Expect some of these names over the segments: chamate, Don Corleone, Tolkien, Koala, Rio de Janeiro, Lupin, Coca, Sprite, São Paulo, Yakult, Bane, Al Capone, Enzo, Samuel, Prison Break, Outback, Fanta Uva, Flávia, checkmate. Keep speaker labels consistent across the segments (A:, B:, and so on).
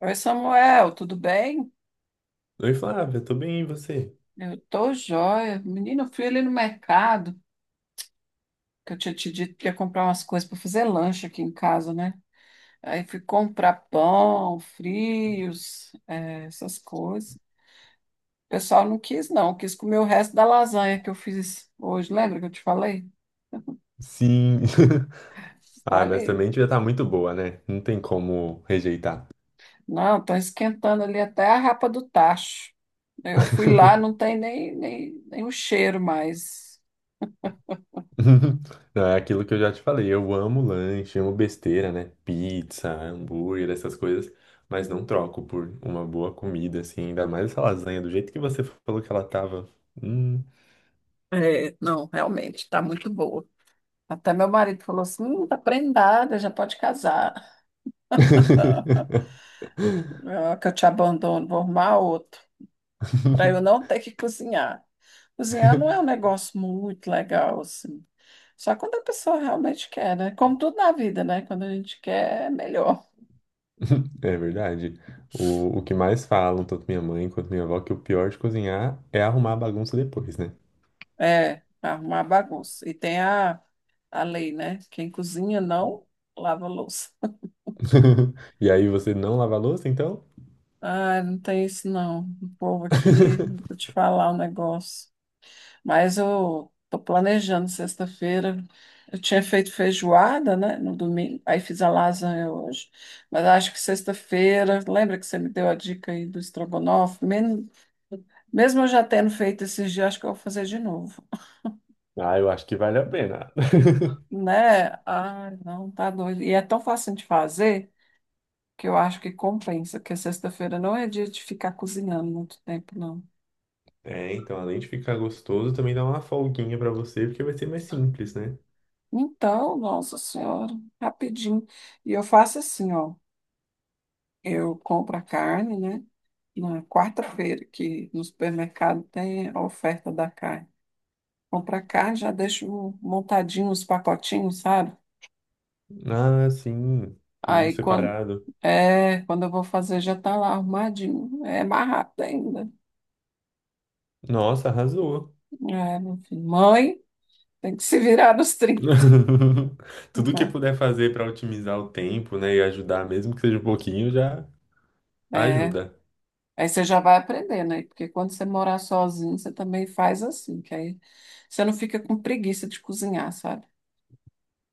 A: Oi, Samuel, tudo bem?
B: Oi, Flávia, tô bem, e você?
A: Eu tô jóia. Menino, eu fui ali no mercado, que eu tinha te dito que ia comprar umas coisas para fazer lanche aqui em casa, né? Aí fui comprar pão, frios, essas coisas. O pessoal não quis, não, quis comer o resto da lasanha que eu fiz hoje. Lembra que eu te falei?
B: Sim. Ah, mas
A: Falei.
B: também devia estar muito boa, né? Não tem como rejeitar.
A: Não, estão esquentando ali até a rapa do tacho. Eu fui lá, não tem nem o cheiro mais.
B: Não, é aquilo que eu já te falei. Eu amo lanche, amo besteira, né? Pizza, hambúrguer, essas coisas. Mas não troco por uma boa comida, assim. Ainda mais essa lasanha, do jeito que você falou que ela tava. Hum.
A: É, não, realmente, está muito boa. Até meu marido falou assim: tá prendada, já pode casar. Ah, que eu te abandono, vou arrumar outro, para eu não ter que cozinhar. Cozinhar não é um negócio muito legal, assim. Só quando a pessoa realmente quer, né? Como tudo na vida, né? Quando a gente quer, é melhor.
B: É verdade. O que mais falam, tanto minha mãe quanto minha avó, que o pior de cozinhar é arrumar a bagunça depois, né?
A: É, pra arrumar a bagunça. E tem a lei, né? Quem cozinha não lava a louça.
B: E aí você não lava a louça, então?
A: Ah, não tem isso não. O povo aqui, vou te falar um negócio. Mas eu tô planejando sexta-feira. Eu tinha feito feijoada, né, no domingo. Aí fiz a lasanha hoje. Mas acho que sexta-feira, lembra que você me deu a dica aí do estrogonofe? Mesmo eu já tendo feito esses dias, acho que eu vou fazer de novo,
B: Ah, eu acho que vale a pena.
A: né? Ai, não, tá doido. E é tão fácil de fazer, que eu acho que compensa, porque sexta-feira não é dia de ficar cozinhando muito tempo, não.
B: É, então, além de ficar gostoso, também dá uma folguinha pra você, porque vai ser mais simples, né?
A: Então, nossa senhora, rapidinho. E eu faço assim, ó, eu compro a carne, né? Na quarta-feira, que no supermercado tem a oferta da carne. Compro a carne, já deixo montadinho os pacotinhos, sabe?
B: Ah, sim, tudo
A: Aí quando
B: separado.
A: é, quando eu vou fazer já tá lá arrumadinho. É mais rápido ainda.
B: Nossa, arrasou.
A: É, meu filho. Mãe, tem que se virar nos trinta,
B: Tudo que
A: né?
B: puder fazer pra otimizar o tempo, né, e ajudar, mesmo que seja um pouquinho, já
A: É.
B: ajuda.
A: Aí você já vai aprender, né? Porque quando você morar sozinho, você também faz assim, que aí você não fica com preguiça de cozinhar, sabe?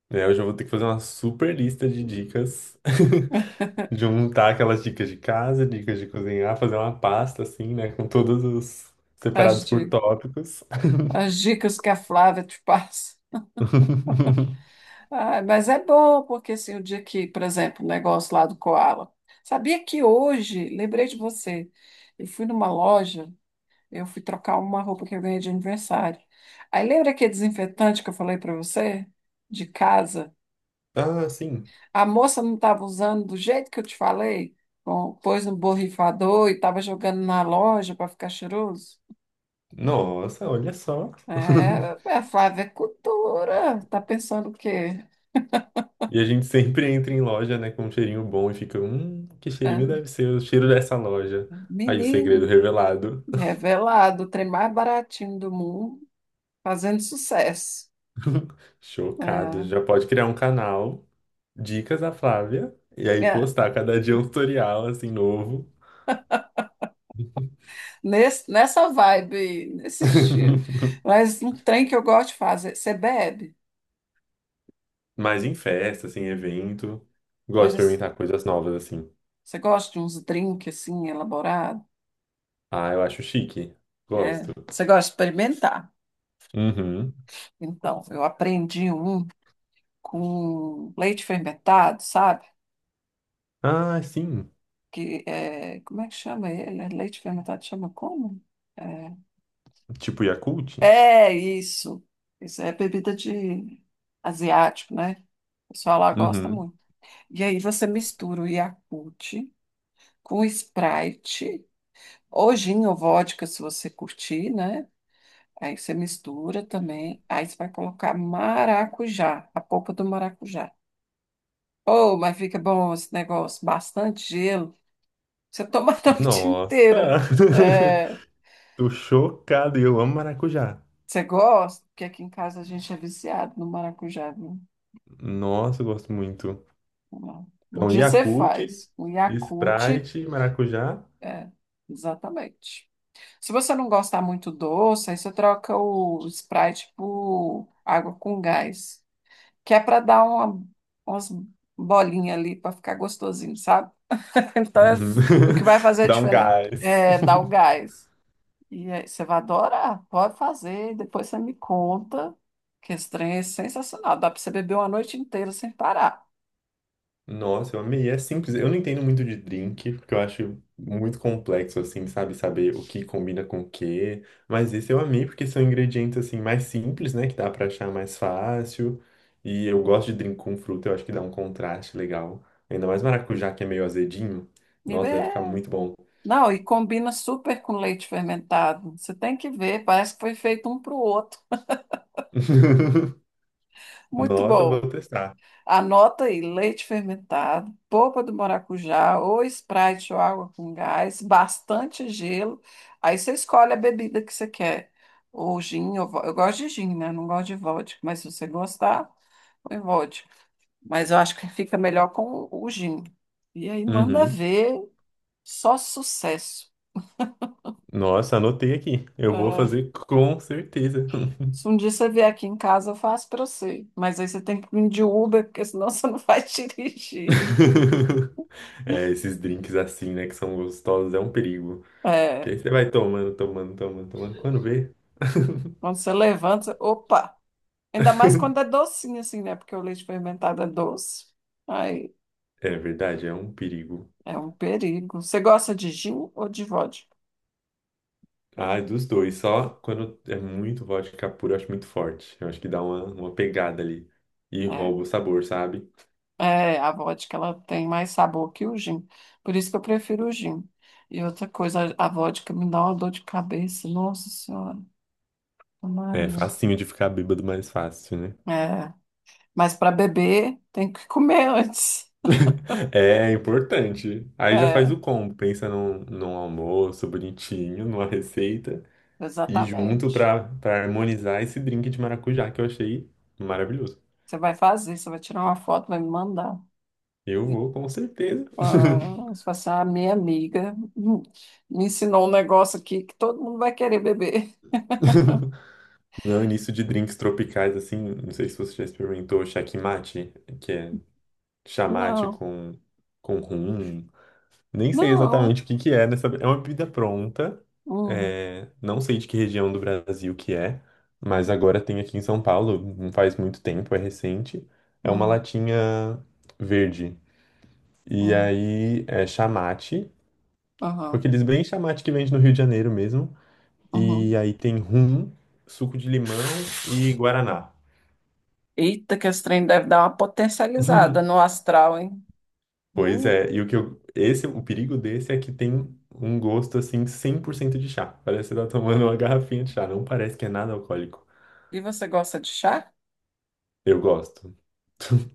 B: É, eu já vou ter que fazer uma super lista de dicas. Juntar aquelas dicas de casa, dicas de cozinhar, fazer uma pasta assim, né? Com todos os
A: As,
B: separados por
A: di-
B: tópicos.
A: As dicas que a Flávia te passa. Ah, mas é bom, porque assim, o dia que, por exemplo, o negócio lá do Koala. Sabia que hoje, lembrei de você, eu fui numa loja, eu fui trocar uma roupa que eu ganhei de aniversário. Aí lembra aquele desinfetante que eu falei para você? De casa?
B: Ah, sim.
A: A moça não estava usando do jeito que eu te falei? Bom, pôs no borrifador e estava jogando na loja para ficar cheiroso?
B: Nossa, olha só.
A: É, a Flávia é cultura. Tá pensando o quê?
B: E a gente sempre entra em loja, né, com um cheirinho bom e fica, que cheirinho
A: É,
B: deve ser o cheiro dessa loja. Aí o segredo
A: menino,
B: revelado.
A: revelado, o trem mais baratinho do mundo, fazendo sucesso.
B: Chocado. Já pode criar um canal, Dicas da Flávia, e aí
A: É, é,
B: postar cada dia um tutorial assim novo.
A: nessa vibe, nesse estilo. Mas um trem que eu gosto de fazer. Você bebe?
B: Mas em festa, assim, evento. Gosto de
A: Mas
B: experimentar coisas novas, assim.
A: você gosta de uns drinks assim, elaborados?
B: Ah, eu acho chique. Gosto.
A: É, você gosta de experimentar?
B: Uhum.
A: Então, eu aprendi um com leite fermentado, sabe?
B: Ah, sim.
A: Que é, como é que chama ele? É, leite fermentado chama como?
B: Tipo Yakult?
A: É, é isso. Isso é bebida de asiático, né? O pessoal lá gosta
B: Uhum.
A: muito. E aí você mistura o Yakult com Sprite, ou gin ou vodka, se você curtir, né? Aí você mistura também. Aí você vai colocar maracujá, a polpa do maracujá. Oh, mas fica bom esse negócio, bastante gelo. Você toma a noite inteira.
B: Nossa!
A: É,
B: Tô chocado. E eu amo maracujá.
A: você gosta? Porque aqui em casa a gente é viciado no maracujá, viu?
B: Nossa, eu gosto muito.
A: Vamos lá. Um
B: Então,
A: dia você
B: Yakult,
A: faz um Yakult,
B: Sprite, maracujá.
A: é, exatamente. Se você não gostar muito doce, aí você troca o Sprite por água com gás, que é para dar uma, umas bolinhas ali para ficar gostosinho, sabe? Então, é
B: Uhum.
A: o que vai fazer a
B: Dá um
A: diferença
B: gás.
A: é dar o gás. E aí, você vai adorar, pode fazer, depois você me conta, que esse trem é sensacional, dá para você beber uma noite inteira sem parar.
B: Nossa, eu amei. É simples. Eu não entendo muito de drink, porque eu acho muito complexo, assim, sabe? Saber o que combina com o quê. Mas esse eu amei, porque são ingredientes, assim, mais simples, né? Que dá pra achar mais fácil. E eu gosto de drink com fruta, eu acho que dá um contraste legal. Ainda mais maracujá, que é meio azedinho.
A: E
B: Nossa, deve ficar
A: é-
B: muito bom.
A: Não, e combina super com leite fermentado. Você tem que ver, parece que foi feito um para o outro. Muito
B: Nossa,
A: bom.
B: vou testar.
A: Anota aí, leite fermentado, polpa do maracujá, ou Sprite ou água com gás, bastante gelo. Aí você escolhe a bebida que você quer. Ou gin, eu gosto de gin, né? Não gosto de vodka, mas se você gostar, põe vodka. Mas eu acho que fica melhor com o gin. E aí manda
B: Uhum.
A: ver, só sucesso.
B: Nossa, anotei aqui. Eu vou
A: É,
B: fazer com certeza.
A: se um dia você vier aqui em casa, eu faço para você. Mas aí você tem que vir de Uber, porque senão você não vai dirigir.
B: É, esses drinks assim, né, que são gostosos, é um perigo. Que
A: É,
B: aí você vai tomando, tomando, tomando, tomando, quando vê.
A: quando você levanta, você- opa! Ainda mais quando é docinho, assim, né? Porque o leite fermentado é doce. Aí
B: É verdade, é um perigo.
A: é um perigo. Você gosta de gin ou de vodka?
B: Ah, dos dois, só quando é muito vodka pura, eu acho muito forte. Eu acho que dá uma pegada ali e
A: É.
B: rouba o sabor, sabe?
A: É, a vodka ela tem mais sabor que o gin. Por isso que eu prefiro o gin. E outra coisa, a vodka me dá uma dor de cabeça. Nossa Senhora,
B: É
A: Maria.
B: facinho de ficar bêbado mais fácil, né?
A: É, mas para beber tem que comer antes.
B: É importante. Aí já faz
A: É,
B: o combo, pensa num almoço bonitinho, numa receita. E junto
A: exatamente.
B: pra harmonizar esse drink de maracujá que eu achei maravilhoso.
A: Você vai fazer, você vai tirar uma foto, vai me mandar.
B: Eu vou, com certeza.
A: Ah, você fala assim, ah, minha amiga, me ensinou um negócio aqui que todo mundo vai querer beber.
B: Não, início de drinks tropicais, assim, não sei se você já experimentou checkmate, que é chamate
A: Não,
B: com rum. Nem sei
A: não.
B: exatamente o que que é nessa. É uma bebida pronta,
A: Hum,
B: é, não sei de que região do Brasil que é, mas agora tem aqui em São Paulo, não faz muito tempo, é recente. É uma
A: hum,
B: latinha verde. E
A: hum,
B: aí é chamate, tipo
A: aham,
B: aqueles bem chamate que vende no Rio de Janeiro mesmo. E
A: uhum.
B: aí tem rum, suco de limão e guaraná.
A: Eita, que esse trem deve dar uma potencializada no astral, hein?
B: Pois
A: Hum,
B: é, e o que eu, esse, o perigo desse é que tem um gosto assim 100% de chá. Parece que você tá tomando uma garrafinha de chá, não parece que é nada alcoólico.
A: E você gosta de chá?
B: Eu gosto.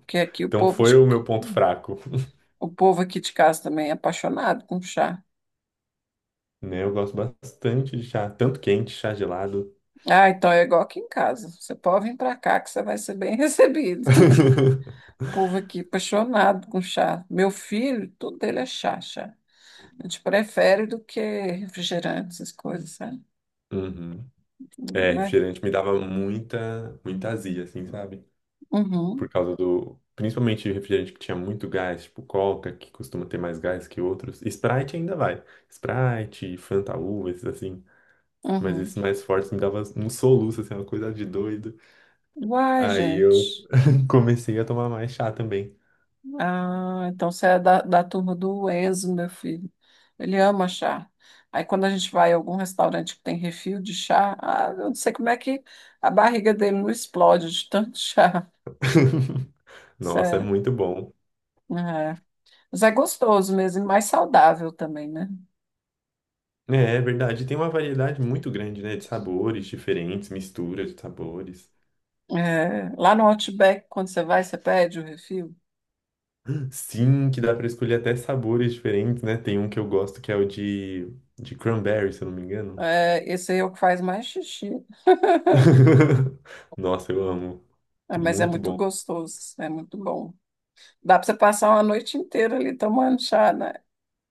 A: Porque aqui o
B: Então foi o meu ponto fraco.
A: o povo aqui de casa também é apaixonado com chá.
B: Né? Eu gosto bastante de chá, tanto quente, chá gelado.
A: Ah, então é igual aqui em casa. Você pode vir para cá que você vai ser bem recebido. O povo aqui apaixonado com chá. Meu filho, tudo dele é chá, chá. A gente prefere do que refrigerante, essas coisas, sabe?
B: Uhum. É,
A: Mas,
B: refrigerante me dava muita azia, assim, sabe?
A: uhum,
B: Por causa do. Principalmente refrigerante que tinha muito gás, tipo Coca, que costuma ter mais gás que outros. Sprite ainda vai. Sprite, Fanta Uva, esses assim. Mas
A: uhum.
B: esses mais fortes me dava um soluço, assim, uma coisa de doido.
A: Uai,
B: Aí eu
A: gente.
B: comecei a tomar mais chá também.
A: Ah, então você é da turma do Enzo, meu filho. Ele ama chá. Aí quando a gente vai a algum restaurante que tem refil de chá, ah, eu não sei como é que a barriga dele não explode de tanto chá.
B: Nossa, é
A: Sério.
B: muito bom.
A: É. É. Mas é gostoso mesmo e mais saudável também, né?
B: É, é verdade. Tem uma variedade muito grande, né? De sabores diferentes, misturas de sabores.
A: É, lá no Outback, quando você vai, você pede o refil.
B: Sim, que dá pra escolher até sabores diferentes, né? Tem um que eu gosto que é o de cranberry, se eu não me engano.
A: É, esse aí é o que faz mais xixi.
B: Nossa, eu amo.
A: É, mas é
B: Muito
A: muito
B: bom.
A: gostoso, é muito bom. Dá para você passar uma noite inteira ali tomando chá, né?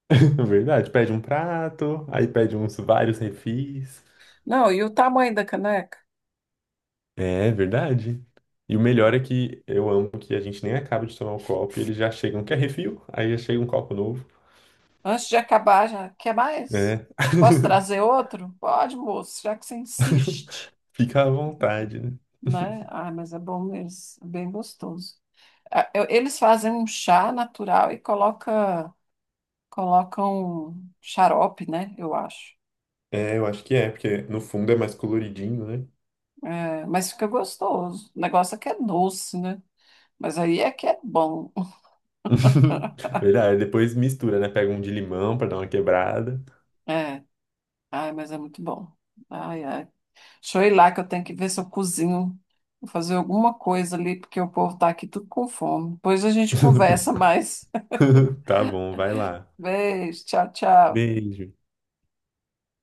B: Verdade. Pede um prato, aí pede uns vários refis.
A: Não, e o tamanho da caneca?
B: É verdade. E o melhor é que eu amo que a gente nem acaba de tomar o copo e eles já chegam. Quer refil? Aí já chega um copo novo.
A: Antes de acabar, já quer mais?
B: É.
A: Posso trazer outro? Pode, moço, já que você insiste,
B: Fica à vontade, né?
A: né? Ah, mas é bom mesmo, é bem gostoso. Eles fazem um chá natural e colocam xarope, né? Eu acho.
B: É, eu acho que é, porque no fundo é mais coloridinho, né?
A: É, mas fica gostoso. O negócio é que é doce, né? Mas aí é que é bom.
B: Verdade. Depois mistura, né? Pega um de limão pra dar uma quebrada.
A: É, ai, mas é muito bom. Ai, ai. Deixa eu ir lá que eu tenho que ver se eu cozinho. Vou fazer alguma coisa ali, porque o povo tá aqui tudo com fome. Depois a gente conversa mais.
B: Tá bom, vai lá.
A: Beijo, tchau, tchau.
B: Beijo.